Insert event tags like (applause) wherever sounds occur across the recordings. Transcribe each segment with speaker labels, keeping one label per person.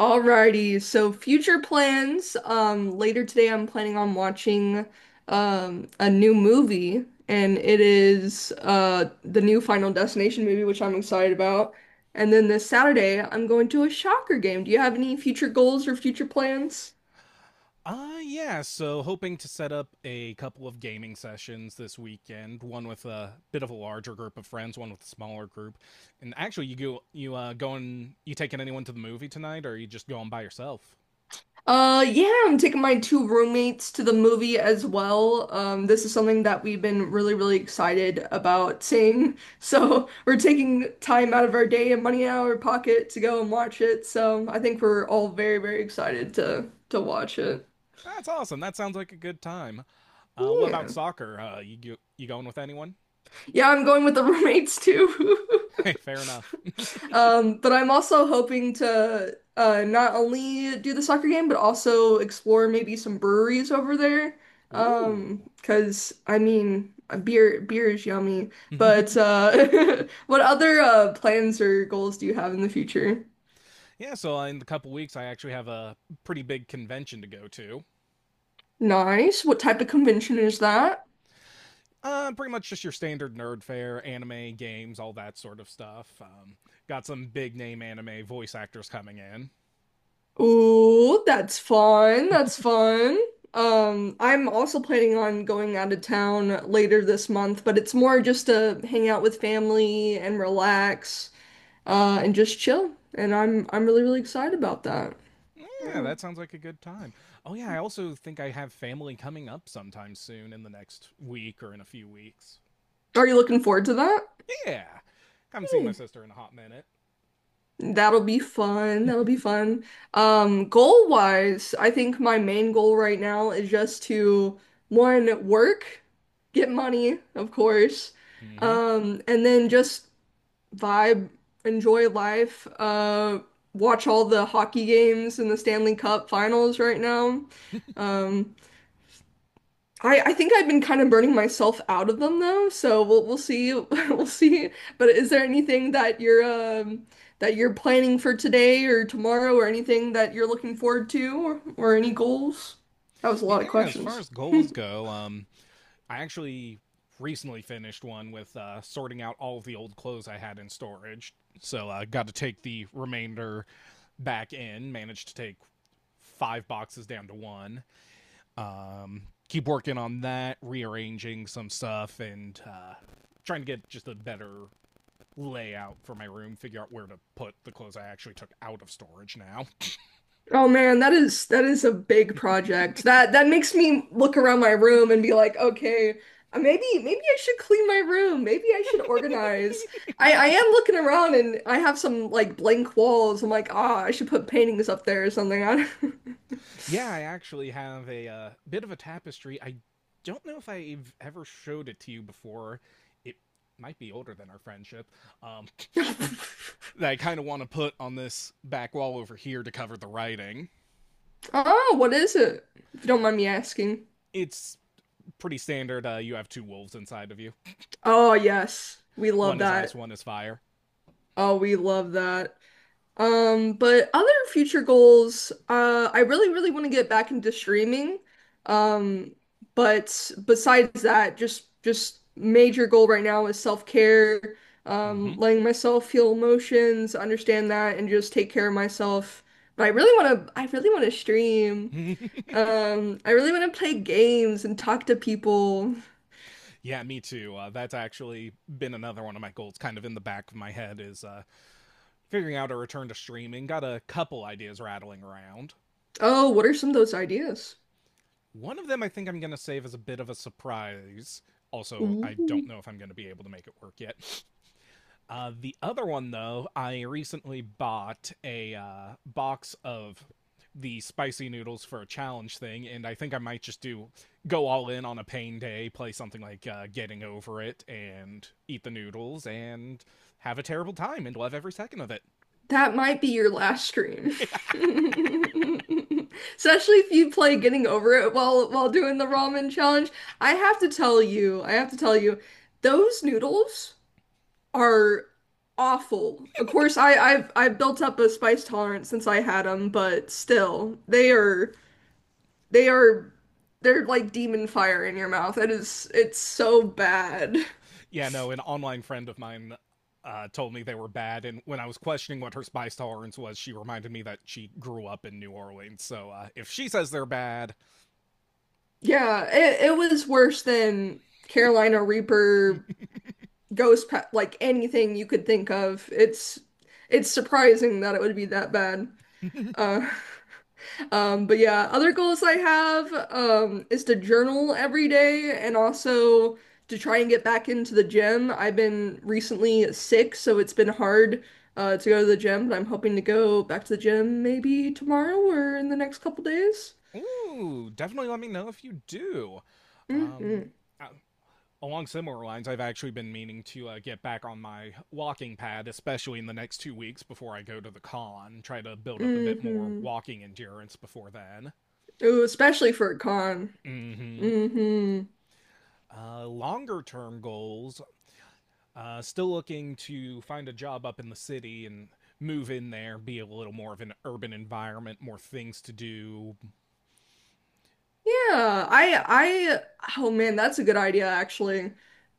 Speaker 1: Alrighty, so future plans. Later today, I'm planning on watching a new movie, and it is the new Final Destination movie, which I'm excited about. And then this Saturday, I'm going to a soccer game. Do you have any future goals or future plans?
Speaker 2: Yeah, so hoping to set up a couple of gaming sessions this weekend, one with a bit of a larger group of friends, one with a smaller group. And actually you go you going you taking anyone to the movie tonight, or are you just going by yourself?
Speaker 1: Yeah, I'm taking my two roommates to the movie as well. This is something that we've been really, really excited about seeing. (laughs) So we're taking time out of our day and money out of our pocket to go and watch it. So I think we're all very, very excited to watch it.
Speaker 2: That's awesome. That sounds like a good time. What about
Speaker 1: Yeah.
Speaker 2: soccer? You going with anyone?
Speaker 1: Yeah, I'm going with the roommates too.
Speaker 2: Hey, (laughs)
Speaker 1: (laughs)
Speaker 2: fair enough.
Speaker 1: But I'm also hoping to not only do the soccer game, but also explore maybe some breweries over there.
Speaker 2: (laughs) Ooh.
Speaker 1: 'Cause I mean, beer is yummy. But
Speaker 2: (laughs)
Speaker 1: (laughs) what other plans or goals do you have in the future?
Speaker 2: Yeah, so in a couple weeks I actually have a pretty big convention to go to.
Speaker 1: Nice. What type of convention is that?
Speaker 2: Pretty much just your standard nerd fare, anime, games, all that sort of stuff. Got some big name anime voice actors coming in.
Speaker 1: Ooh, that's fun. That's fun. I'm also planning on going out of town later this month, but it's more just to hang out with family and relax, and just chill. And I'm really, really excited about that.
Speaker 2: Yeah,
Speaker 1: Yeah.
Speaker 2: that sounds like a good time. Oh, yeah, I also think I have family coming up sometime soon in the next week or in a few weeks.
Speaker 1: Are you looking forward to that?
Speaker 2: Yeah, haven't seen my
Speaker 1: Yeah.
Speaker 2: sister in a hot minute.
Speaker 1: That'll be fun. That'll be fun. Goal wise, I think my main goal right now is just to one, work, get money, of course.
Speaker 2: Mm-hmm.
Speaker 1: And then just vibe, enjoy life, watch all the hockey games in the Stanley Cup finals right now. Um, I think I've been kind of burning myself out of them though, so we'll see (laughs) we'll see. But is there anything that you're planning for today or tomorrow or anything that you're looking forward to or any goals? That was a
Speaker 2: Yeah,
Speaker 1: lot of
Speaker 2: as far
Speaker 1: questions.
Speaker 2: as goals go, I actually recently finished one with sorting out all of the old clothes I had in storage. So I got to take the remainder back in, managed to take five boxes down to one. Um, Keep working on that, rearranging some stuff, and trying to get just a better layout for my room, figure out where to put the clothes I actually took out of storage now.
Speaker 1: Oh man, that is a big project. That makes me look around my room and be like, okay, maybe I should clean my room. Maybe I should organize. I am looking around and I have some like blank walls. I'm like, ah, I should put paintings up there or something. I don't-
Speaker 2: Yeah, I actually have a bit of a tapestry. I don't know if I've ever showed it to you before. It might be older than our friendship. Um,
Speaker 1: (laughs)
Speaker 2: that I kind of want to put on this back wall over here to cover the writing.
Speaker 1: Oh, what is it? If you don't mind me asking.
Speaker 2: It's pretty standard. You have two wolves inside of you.
Speaker 1: Oh yes, we love
Speaker 2: One is ice,
Speaker 1: that.
Speaker 2: one is fire.
Speaker 1: Oh, we love that. But other future goals, I really, really want to get back into streaming. Um, but besides that, just major goal right now is self-care,
Speaker 2: Mm-hmm.
Speaker 1: letting myself feel emotions, understand that, and just take care of myself. But I really want to, I really want to stream.
Speaker 2: (laughs)
Speaker 1: I really want to play games and talk to people.
Speaker 2: Yeah, me too. That's actually been another one of my goals, kind of in the back of my head, is figuring out a return to streaming. Got a couple ideas rattling around.
Speaker 1: Oh, what are some of those ideas?
Speaker 2: One of them I think I'm going to save as a bit of a surprise. Also, I don't
Speaker 1: Ooh.
Speaker 2: know if I'm going to be able to make it work yet. The other one, though, I recently bought a box of the spicy noodles for a challenge thing, and I think I might just do go all in on a pain day, play something like Getting Over It, and eat the noodles and have a terrible time and love every second of it.
Speaker 1: That might be your last stream. (laughs) Especially if you play Getting Over It while doing the ramen challenge. I have to tell you, I have to tell you, those noodles are awful. Of course, I've built up a spice tolerance since I had them, but still, they are they're like demon fire in your mouth. It's so bad.
Speaker 2: Yeah, no, an online friend of mine told me they were bad, and when I was questioning what her spice tolerance was, she reminded me that she grew up in New Orleans. So if she says they're bad,
Speaker 1: Yeah, it was worse than Carolina Reaper ghost pet, like anything you could think of. It's surprising that it would be that bad. Uh, (laughs) but yeah, other goals I have is to journal every day and also to try and get back into the gym. I've been recently sick, so it's been hard to go to the gym, but I'm hoping to go back to the gym maybe tomorrow or in the next couple days.
Speaker 2: ooh, definitely let me know if you do.
Speaker 1: Mm-hmm.
Speaker 2: Um, uh, Along similar lines, I've actually been meaning to get back on my walking pad, especially in the next 2 weeks before I go to the con. Try to build up a bit more
Speaker 1: Mm-hmm.
Speaker 2: walking endurance before then.
Speaker 1: Ooh, especially for a con.
Speaker 2: Mm-hmm.
Speaker 1: Mm-hmm.
Speaker 2: Longer term goals. Still looking to find a job up in the city and move in there, be a little more of an urban environment, more things to do.
Speaker 1: Yeah, I oh man, that's a good idea actually.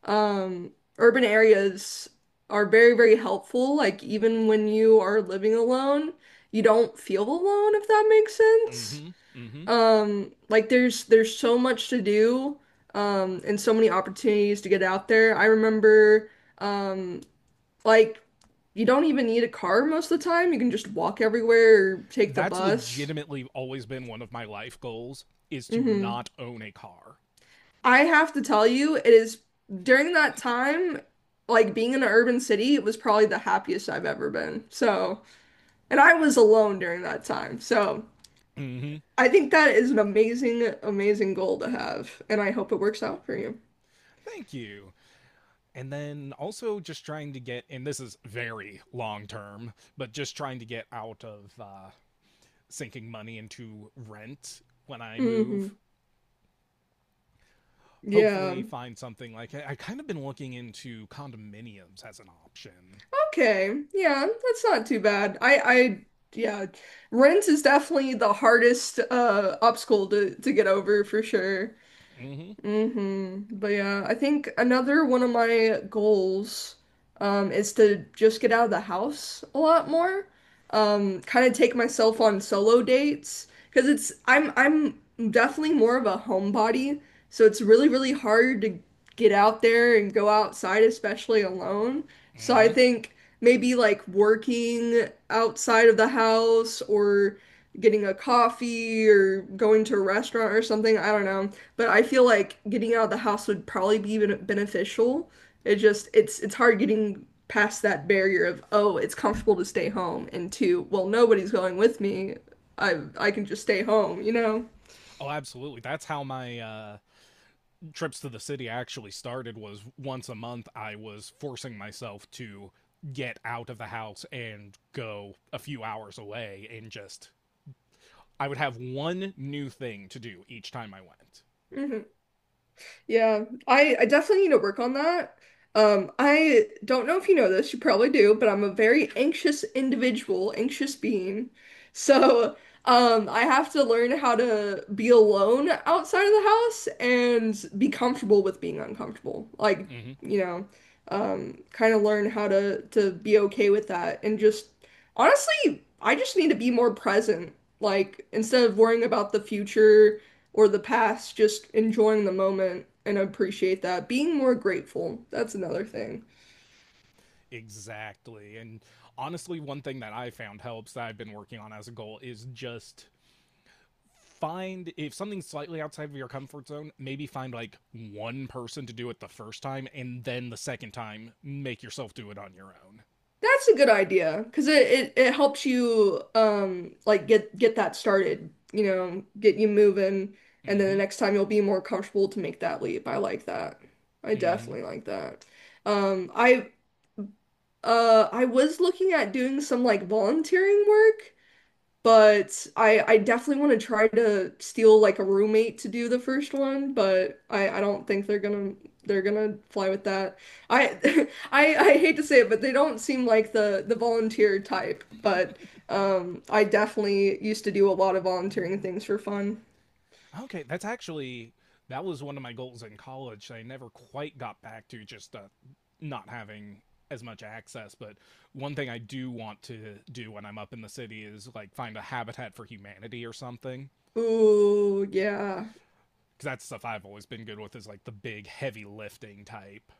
Speaker 1: Um, Urban areas are very, very helpful. Like even when you are living alone, you don't feel alone if that makes sense.
Speaker 2: Mm-hmm. Mm-hmm.
Speaker 1: Like there's so much to do, and so many opportunities to get out there. I remember um like you don't even need a car most of the time. You can just walk everywhere or take the
Speaker 2: That's
Speaker 1: bus.
Speaker 2: legitimately always been one of my life goals is to
Speaker 1: Hmm
Speaker 2: not own a car.
Speaker 1: I have to tell you, it is during that time, like being in an urban city, it was probably the happiest I've ever been. So, and I was alone during that time. So,
Speaker 2: Mm-hmm.
Speaker 1: I think that is an amazing, amazing goal to have. And I hope it works out for you.
Speaker 2: Thank you. And then also just trying to get, and this is very long term, but just trying to get out of sinking money into rent when I
Speaker 1: Hmm
Speaker 2: move.
Speaker 1: Yeah.
Speaker 2: Hopefully find something like I kind of been looking into condominiums as an option.
Speaker 1: Okay. Yeah, that's not too bad. Yeah, rent is definitely the hardest obstacle to get over for sure.
Speaker 2: Hmm.
Speaker 1: hmm But yeah, I think another one of my goals is to just get out of the house a lot more. Kind of take myself on solo dates because it's I'm definitely more of a homebody, so it's really really hard to get out there and go outside, especially alone. So I
Speaker 2: Hmm.
Speaker 1: think maybe like working outside of the house or getting a coffee or going to a restaurant or something. I don't know. But I feel like getting out of the house would probably be beneficial. It just it's hard getting past that barrier of, oh, it's comfortable to stay home, and two, well, nobody's going with me. I can just stay home, you know?
Speaker 2: Oh, absolutely. That's how my trips to the city actually started. Was once a month I was forcing myself to get out of the house and go a few hours away, and just I would have one new thing to do each time I went.
Speaker 1: Hmm Yeah, I definitely need to work on that. I don't know if you know this, you probably do, but I'm a very anxious individual, anxious being. So, I have to learn how to be alone outside of the house and be comfortable with being uncomfortable. Like,
Speaker 2: Hmm.
Speaker 1: you know, kind of learn how to be okay with that and just honestly, I just need to be more present. Like, instead of worrying about the future or the past, just enjoying the moment and appreciate that. Being more grateful, that's another thing.
Speaker 2: Exactly. And honestly, one thing that I found helps that I've been working on as a goal is just find if something's slightly outside of your comfort zone, maybe find like one person to do it the first time, and then the second time, make yourself do it on your own.
Speaker 1: That's a good idea because it helps you like get that started, you know, get you moving, and then the
Speaker 2: Mm-hmm.
Speaker 1: next time you'll be more comfortable to make that leap. I like that. I
Speaker 2: Mm-hmm.
Speaker 1: definitely like that. I I was looking at doing some like volunteering work. But I definitely want to try to steal like a roommate to do the first one, but I don't think they're gonna fly with that. I (laughs) I hate to say it, but they don't seem like the volunteer type, but I definitely used to do a lot of volunteering things for fun.
Speaker 2: Okay, that's actually that was one of my goals in college that I never quite got back to, just not having as much access. But one thing I do want to do when I'm up in the city is like find a Habitat for Humanity or something,
Speaker 1: Ooh, yeah.
Speaker 2: because that's stuff I've always been good with is like the big heavy lifting type.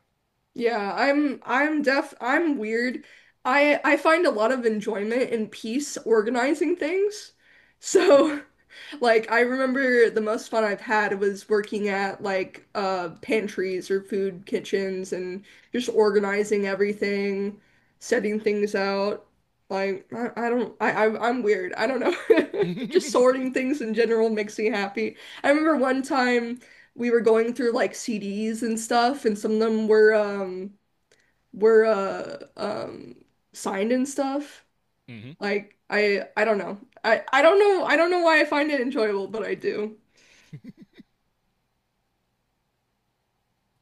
Speaker 1: Yeah, I'm deaf I'm weird. I find a lot of enjoyment and peace organizing things.
Speaker 2: Hmm.
Speaker 1: So (laughs) Like I remember the most fun I've had was working at like pantries or food kitchens and just organizing everything, setting things out. Like I I'm weird. I don't know. (laughs) Just
Speaker 2: (laughs)
Speaker 1: sorting things in general makes me happy. I remember one time we were going through like CDs and stuff and some of them were were uh um signed and stuff.
Speaker 2: Mm-hmm.
Speaker 1: Like I don't know. I don't know. I don't know why I find it enjoyable, but I do.